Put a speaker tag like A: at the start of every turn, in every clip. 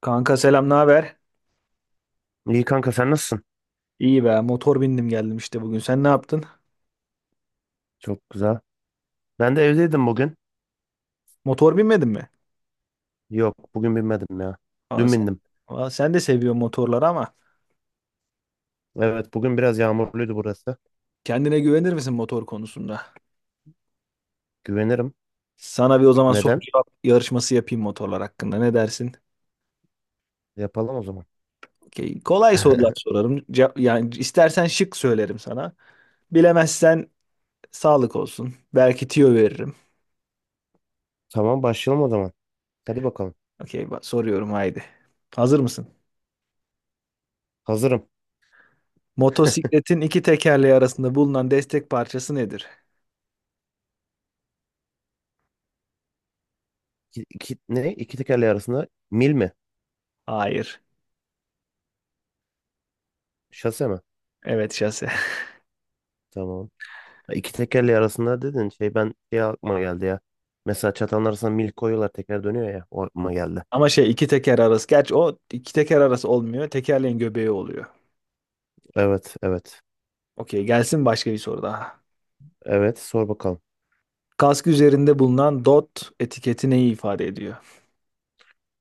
A: Kanka selam, ne haber?
B: İyi kanka sen nasılsın?
A: İyi be, motor bindim geldim işte bugün. Sen ne yaptın?
B: Çok güzel. Ben de evdeydim bugün.
A: Motor binmedin mi?
B: Yok bugün binmedim ya.
A: Aa,
B: Dün
A: sen,
B: bindim.
A: aa, sen de seviyorsun motorları ama
B: Evet bugün biraz yağmurluydu burası.
A: kendine güvenir misin motor konusunda?
B: Güvenirim.
A: Sana bir o zaman soru
B: Neden?
A: cevap yarışması yapayım motorlar hakkında. Ne dersin?
B: Yapalım o zaman.
A: Okey. Kolay sorular sorarım. Yani istersen şık söylerim sana. Bilemezsen sağlık olsun. Belki tüyo veririm.
B: Tamam başlayalım o zaman. Hadi bakalım.
A: Okey, soruyorum haydi. Hazır mısın?
B: Hazırım.
A: Motosikletin iki tekerleği arasında bulunan destek parçası nedir?
B: Ne? İki tekerleği arasında mil mi?
A: Hayır.
B: Şase mi?
A: Evet şase.
B: Tamam. Ha, İki tekerleği arasında dedin şey ben aklıma geldi ya. Mesela çatanın arasına mil koyuyorlar, teker dönüyor ya. O aklıma geldi.
A: Ama şey iki teker arası. Gerçi o iki teker arası olmuyor. Tekerleğin göbeği oluyor.
B: Evet, evet.
A: Okey gelsin başka bir soru daha.
B: Evet, sor bakalım.
A: Kask üzerinde bulunan DOT etiketi neyi ifade ediyor?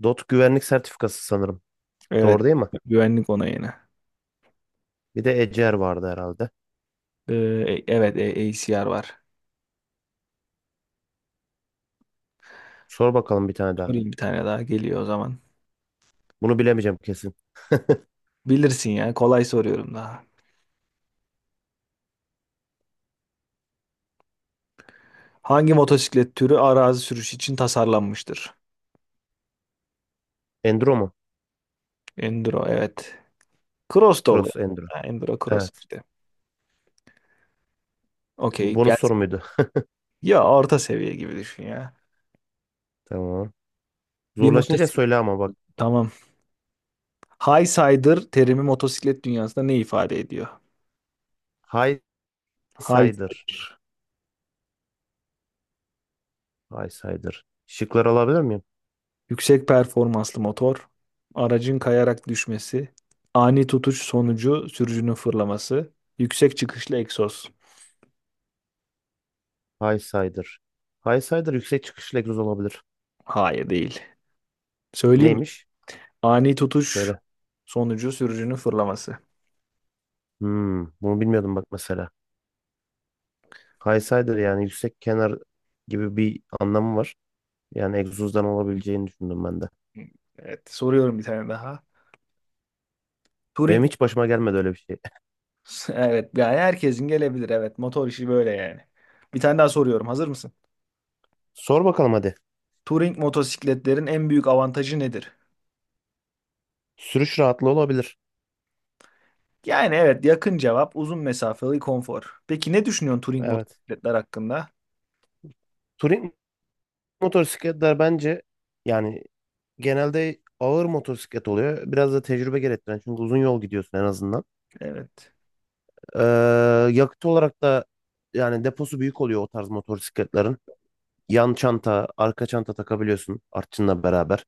B: DOT güvenlik sertifikası sanırım.
A: Evet.
B: Doğru değil mi?
A: Güvenlik onayını.
B: Bir de Eczer vardı herhalde.
A: Ee, evet ACR var.
B: Sor bakalım bir tane daha.
A: Sorayım bir tane daha geliyor o zaman.
B: Bunu bilemeyeceğim kesin.
A: Bilirsin ya kolay soruyorum daha. Hangi motosiklet türü arazi sürüşü için tasarlanmıştır?
B: Endro mu?
A: Enduro evet. Cross da olur.
B: Cross Endro.
A: Ha, Enduro cross
B: Evet.
A: işte.
B: Bu
A: Okey
B: bonus soru
A: gelsin.
B: muydu?
A: Ya orta seviye gibi düşün ya.
B: Tamam.
A: Bir
B: Zorlaşınca
A: motosiklet.
B: söyle ama bak.
A: Tamam, High Sider terimi motosiklet dünyasında ne ifade ediyor?
B: High
A: High
B: Sider.
A: Sider.
B: High Sider. Şıkları alabilir miyim?
A: Yüksek performanslı motor, aracın kayarak düşmesi, ani tutuş sonucu sürücünün fırlaması, yüksek çıkışlı egzoz.
B: High Sider. High Sider yüksek çıkışlı egzoz olabilir.
A: Hayır değil. Söyleyeyim mi?
B: Neymiş?
A: Ani tutuş
B: Söyle.
A: sonucu sürücünün fırlaması.
B: Hmm, bunu bilmiyordum bak mesela. High Sider yani yüksek kenar gibi bir anlamı var. Yani egzozdan olabileceğini düşündüm ben de.
A: Evet, soruyorum bir tane daha.
B: Benim
A: Turing,
B: hiç başıma gelmedi öyle bir şey.
A: evet yani herkesin gelebilir, evet, motor işi böyle yani. Bir tane daha soruyorum, hazır mısın?
B: Sor bakalım hadi.
A: Turing motosikletlerin en büyük avantajı nedir?
B: Sürüş rahatlığı olabilir.
A: Yani evet, yakın cevap, uzun mesafeli konfor. Peki ne düşünüyorsun touring
B: Evet.
A: motosikletler hakkında?
B: Touring motosikletler bence yani genelde ağır motosiklet oluyor. Biraz da tecrübe gerektiren, çünkü uzun yol gidiyorsun en azından.
A: Evet.
B: Ee, Yakıt olarak da yani deposu büyük oluyor o tarz motosikletlerin. Yan çanta, arka çanta takabiliyorsun artçınla beraber.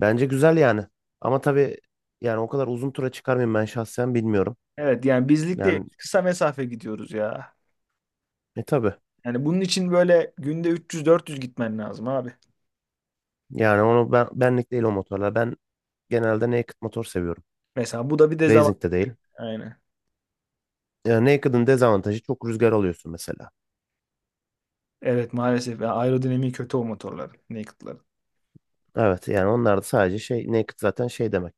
B: Bence güzel yani. Ama tabii, yani o kadar uzun tura çıkar mıyım ben şahsen bilmiyorum.
A: Evet yani bizlik değil,
B: Yani
A: kısa mesafe gidiyoruz ya.
B: tabii.
A: Yani bunun için böyle günde 300-400 gitmen lazım abi.
B: Yani onu, ben benlik değil o motorlar. Ben genelde naked motor seviyorum.
A: Mesela bu da bir
B: Racing
A: dezavantaj.
B: de değil.
A: Aynen.
B: Yani naked'ın dezavantajı, çok rüzgar alıyorsun mesela.
A: Evet maalesef ya, aerodinamiği kötü o motorların, naked'ların.
B: Evet, yani onlar da sadece şey, naked zaten şey demek.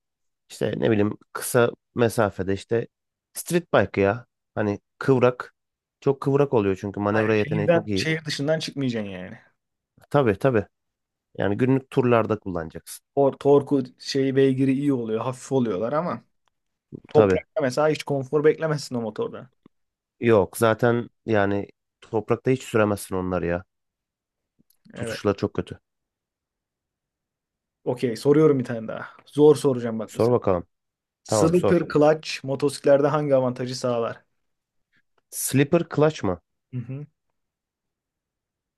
B: İşte ne bileyim, kısa mesafede işte street bike ya. Hani kıvrak. Çok kıvrak oluyor çünkü
A: Aynen,
B: manevra yeteneği çok
A: şehirden,
B: iyi.
A: şehir dışından çıkmayacaksın yani.
B: Tabii, tabii. Yani günlük turlarda kullanacaksın.
A: Torku şey, beygiri iyi oluyor, hafif oluyorlar ama
B: Tabii.
A: toprakta mesela hiç konfor beklemezsin o motorda.
B: Yok zaten yani, toprakta hiç süremezsin onları ya.
A: Evet.
B: Tutuşları çok kötü.
A: Okey, soruyorum bir tane daha. Zor soracağım bak bu
B: Sor
A: sefer.
B: bakalım. Tamam,
A: Slipper
B: sor.
A: clutch motosiklerde hangi avantajı sağlar?
B: Slipper clutch mı?
A: Hı hı.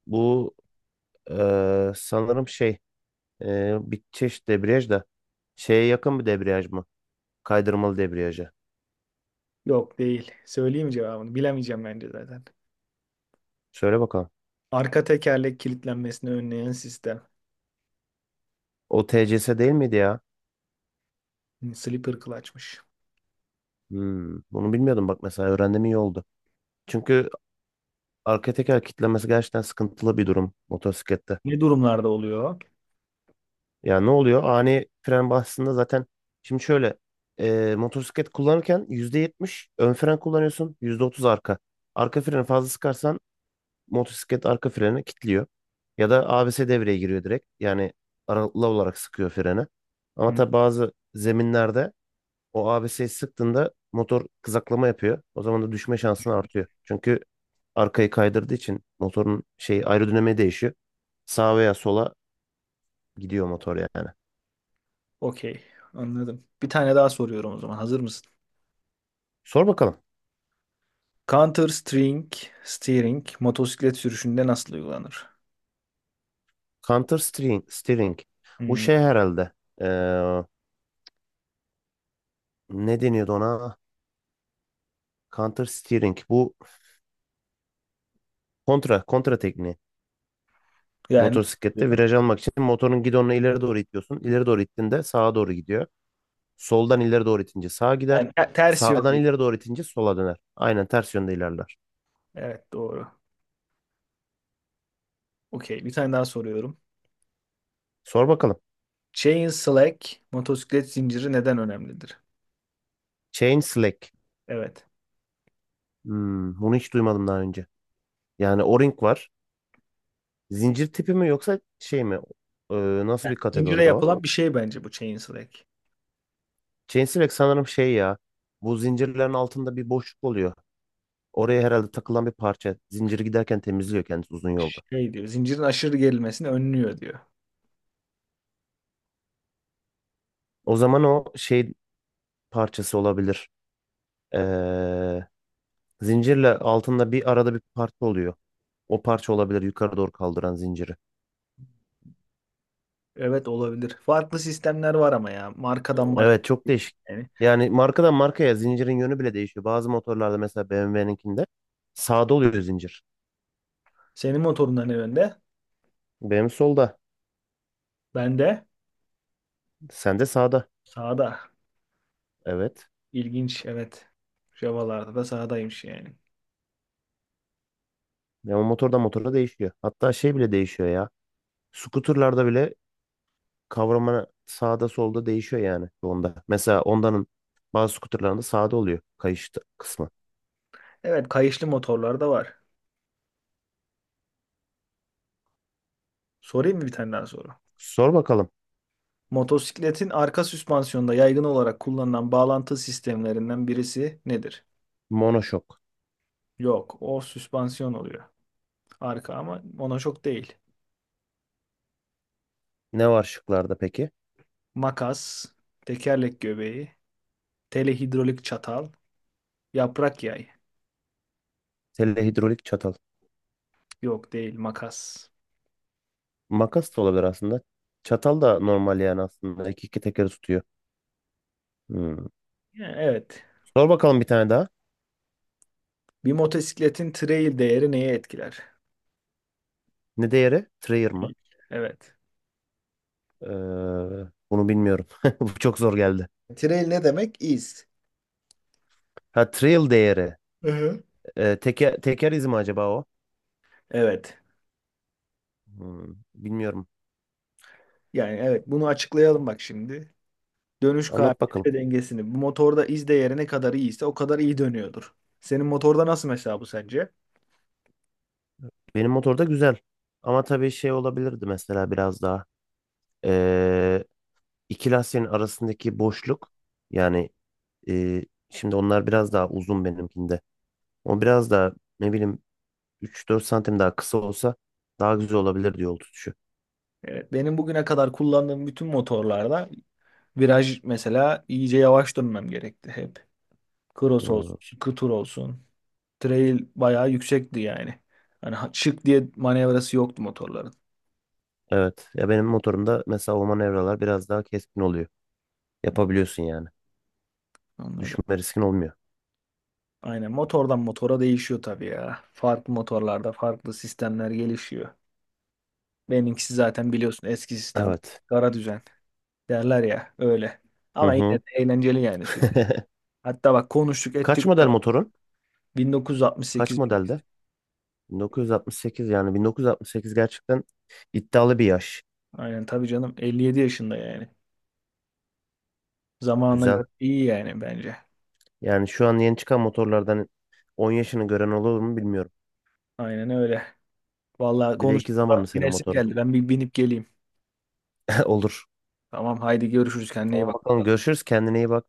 B: Bu sanırım şey. Bir çeşit debriyaj da şeye yakın bir debriyaj mı? Kaydırmalı debriyaja.
A: Yok değil. Söyleyeyim cevabını? Bilemeyeceğim bence zaten.
B: Söyle bakalım.
A: Arka tekerlek kilitlenmesini önleyen sistem.
B: O TCS değil miydi ya?
A: Hı, Slipper clutch'mış.
B: Hmm, bunu bilmiyordum bak mesela, öğrendim iyi oldu. Çünkü arka teker kilitlemesi gerçekten sıkıntılı bir durum motosiklette.
A: Ne durumlarda oluyor?
B: Ya ne oluyor? Ani fren bastığında zaten, şimdi şöyle, motosiklet kullanırken %70 ön fren kullanıyorsun, %30 arka. Arka freni fazla sıkarsan motosiklet arka freni kilitliyor. Ya da ABS devreye giriyor direkt. Yani aralıklı olarak sıkıyor freni. Ama
A: Hı,
B: tabi bazı zeminlerde o ABS'yi sıktığında motor kızaklama yapıyor. O zaman da düşme şansın artıyor. Çünkü arkayı kaydırdığı için motorun aerodinamiği değişiyor. Sağa veya sola gidiyor motor yani.
A: okey. Anladım. Bir tane daha soruyorum o zaman. Hazır mısın?
B: Sor bakalım.
A: Counter string steering motosiklet sürüşünde nasıl uygulanır?
B: Counter steering, steering. Bu
A: Hı.
B: şey herhalde. Ee, Ne deniyordu ona? Counter steering. Bu kontra tekniği.
A: Yani nasıl
B: Motosiklette
A: oluyor?
B: viraj almak için motorun gidonunu ileri doğru itiyorsun. İleri doğru ittiğinde sağa doğru gidiyor. Soldan ileri doğru itince sağa gider.
A: Yani ters
B: Sağdan
A: yönde.
B: ileri doğru itince sola döner. Aynen ters yönde ilerler.
A: Evet doğru. Okey. Bir tane daha soruyorum.
B: Sor bakalım.
A: Chain slack motosiklet zinciri neden önemlidir?
B: Chain slack.
A: Evet.
B: Hmm, bunu hiç duymadım daha önce. Yani o-ring var. Zincir tipi mi yoksa şey mi? Ee, Nasıl bir
A: Zincire
B: kategoride o?
A: yapılan bir şey bence bu Chainslake.
B: Chain slack sanırım şey ya. Bu zincirlerin altında bir boşluk oluyor. Oraya herhalde takılan bir parça. Zinciri giderken temizliyor kendisi uzun yolda.
A: Şey diyor, zincirin aşırı gerilmesini önlüyor diyor.
B: O zaman o şey parçası olabilir. Ee, Zincirle altında bir arada bir parça oluyor. O parça olabilir yukarı doğru kaldıran zinciri.
A: Evet olabilir. Farklı sistemler var ama ya. Markadan markaya
B: Evet, çok
A: değişiyor.
B: değişik.
A: Yani
B: Yani markadan markaya zincirin yönü bile değişiyor. Bazı motorlarda mesela BMW'ninkinde sağda oluyor zincir.
A: senin motorundan ne önde?
B: Benim solda.
A: Ben de
B: Sende sağda.
A: sağda.
B: Evet.
A: İlginç evet. Java'larda da sağdaymış yani.
B: Ve o motorda değişiyor. Hatta şey bile değişiyor ya. Skuterlarda bile kavrama sağda solda değişiyor yani onda. Mesela Honda'nın bazı skuterlarında sağda oluyor kayış kısmı.
A: Evet, kayışlı motorlar da var. Sorayım mı bir tane daha soru?
B: Sor bakalım.
A: Motosikletin arka süspansiyonda yaygın olarak kullanılan bağlantı sistemlerinden birisi nedir?
B: Monoşok.
A: Yok, o süspansiyon oluyor. Arka ama ona çok değil.
B: Ne var şıklarda peki?
A: Makas, tekerlek göbeği, telehidrolik çatal, yaprak yay.
B: Telehidrolik çatal.
A: Yok değil, makas.
B: Makas da olabilir aslında. Çatal da normal yani aslında. İki tekeri tutuyor. Hmm.
A: Yani evet.
B: Sor bakalım bir tane daha.
A: Bir motosikletin trail değeri neye etkiler?
B: Ne değeri? Trayer mı?
A: Evet.
B: Ee, Bunu bilmiyorum. Bu çok zor geldi.
A: Trail ne demek? İz.
B: Ha, trail değeri.
A: Hı-hı.
B: Teker izi mi acaba o?
A: Evet.
B: Hmm, bilmiyorum.
A: Yani evet, bunu açıklayalım bak şimdi. Dönüş
B: Anlat
A: kabiliyeti
B: bakalım.
A: ve dengesini. Bu motorda iz değeri ne kadar iyiyse o kadar iyi dönüyordur. Senin motorda nasıl mesela, bu sence?
B: Benim motorda güzel. Ama tabii şey olabilirdi mesela biraz daha. Ee, iki lastiğin arasındaki boşluk. Yani e, şimdi onlar biraz daha uzun benimkinde. O biraz daha, ne bileyim, üç dört santim daha kısa olsa daha güzel olabilir yol tutuşu.
A: Evet. Benim bugüne kadar kullandığım bütün motorlarda viraj mesela iyice yavaş dönmem gerekti hep. Cross
B: Hmm,
A: olsun, Şıkı olsun. Trail bayağı yüksekti yani. Hani şık diye manevrası yoktu motorların.
B: evet. Ya benim motorumda mesela o manevralar biraz daha keskin oluyor. Yapabiliyorsun yani.
A: Anladım.
B: Düşme riskin olmuyor.
A: Aynen, motordan motora değişiyor tabii ya. Farklı motorlarda farklı sistemler gelişiyor. Benimkisi zaten biliyorsun eski sistem.
B: Evet.
A: Kara düzen derler ya, öyle.
B: Hı
A: Ama yine de
B: hı.
A: eğlenceli yani sürmek. Hatta bak konuştuk
B: Kaç
A: ettik.
B: model motorun? Kaç
A: 1968 benimkisi.
B: modelde? 1968, yani 1968 gerçekten iddialı bir yaş.
A: Aynen tabii canım, 57 yaşında yani. Zamanına
B: Güzel.
A: göre iyi yani bence.
B: Yani şu an yeni çıkan motorlardan 10 yaşını gören olur mu bilmiyorum.
A: Aynen öyle. Vallahi
B: Bir de iki
A: konuştuk.
B: zamanlı senin
A: Binesim
B: motorun.
A: geldi. Ben bir binip geleyim.
B: Olur.
A: Tamam haydi görüşürüz. Kendine iyi
B: Tamam bakalım,
A: bak.
B: görüşürüz. Kendine iyi bak.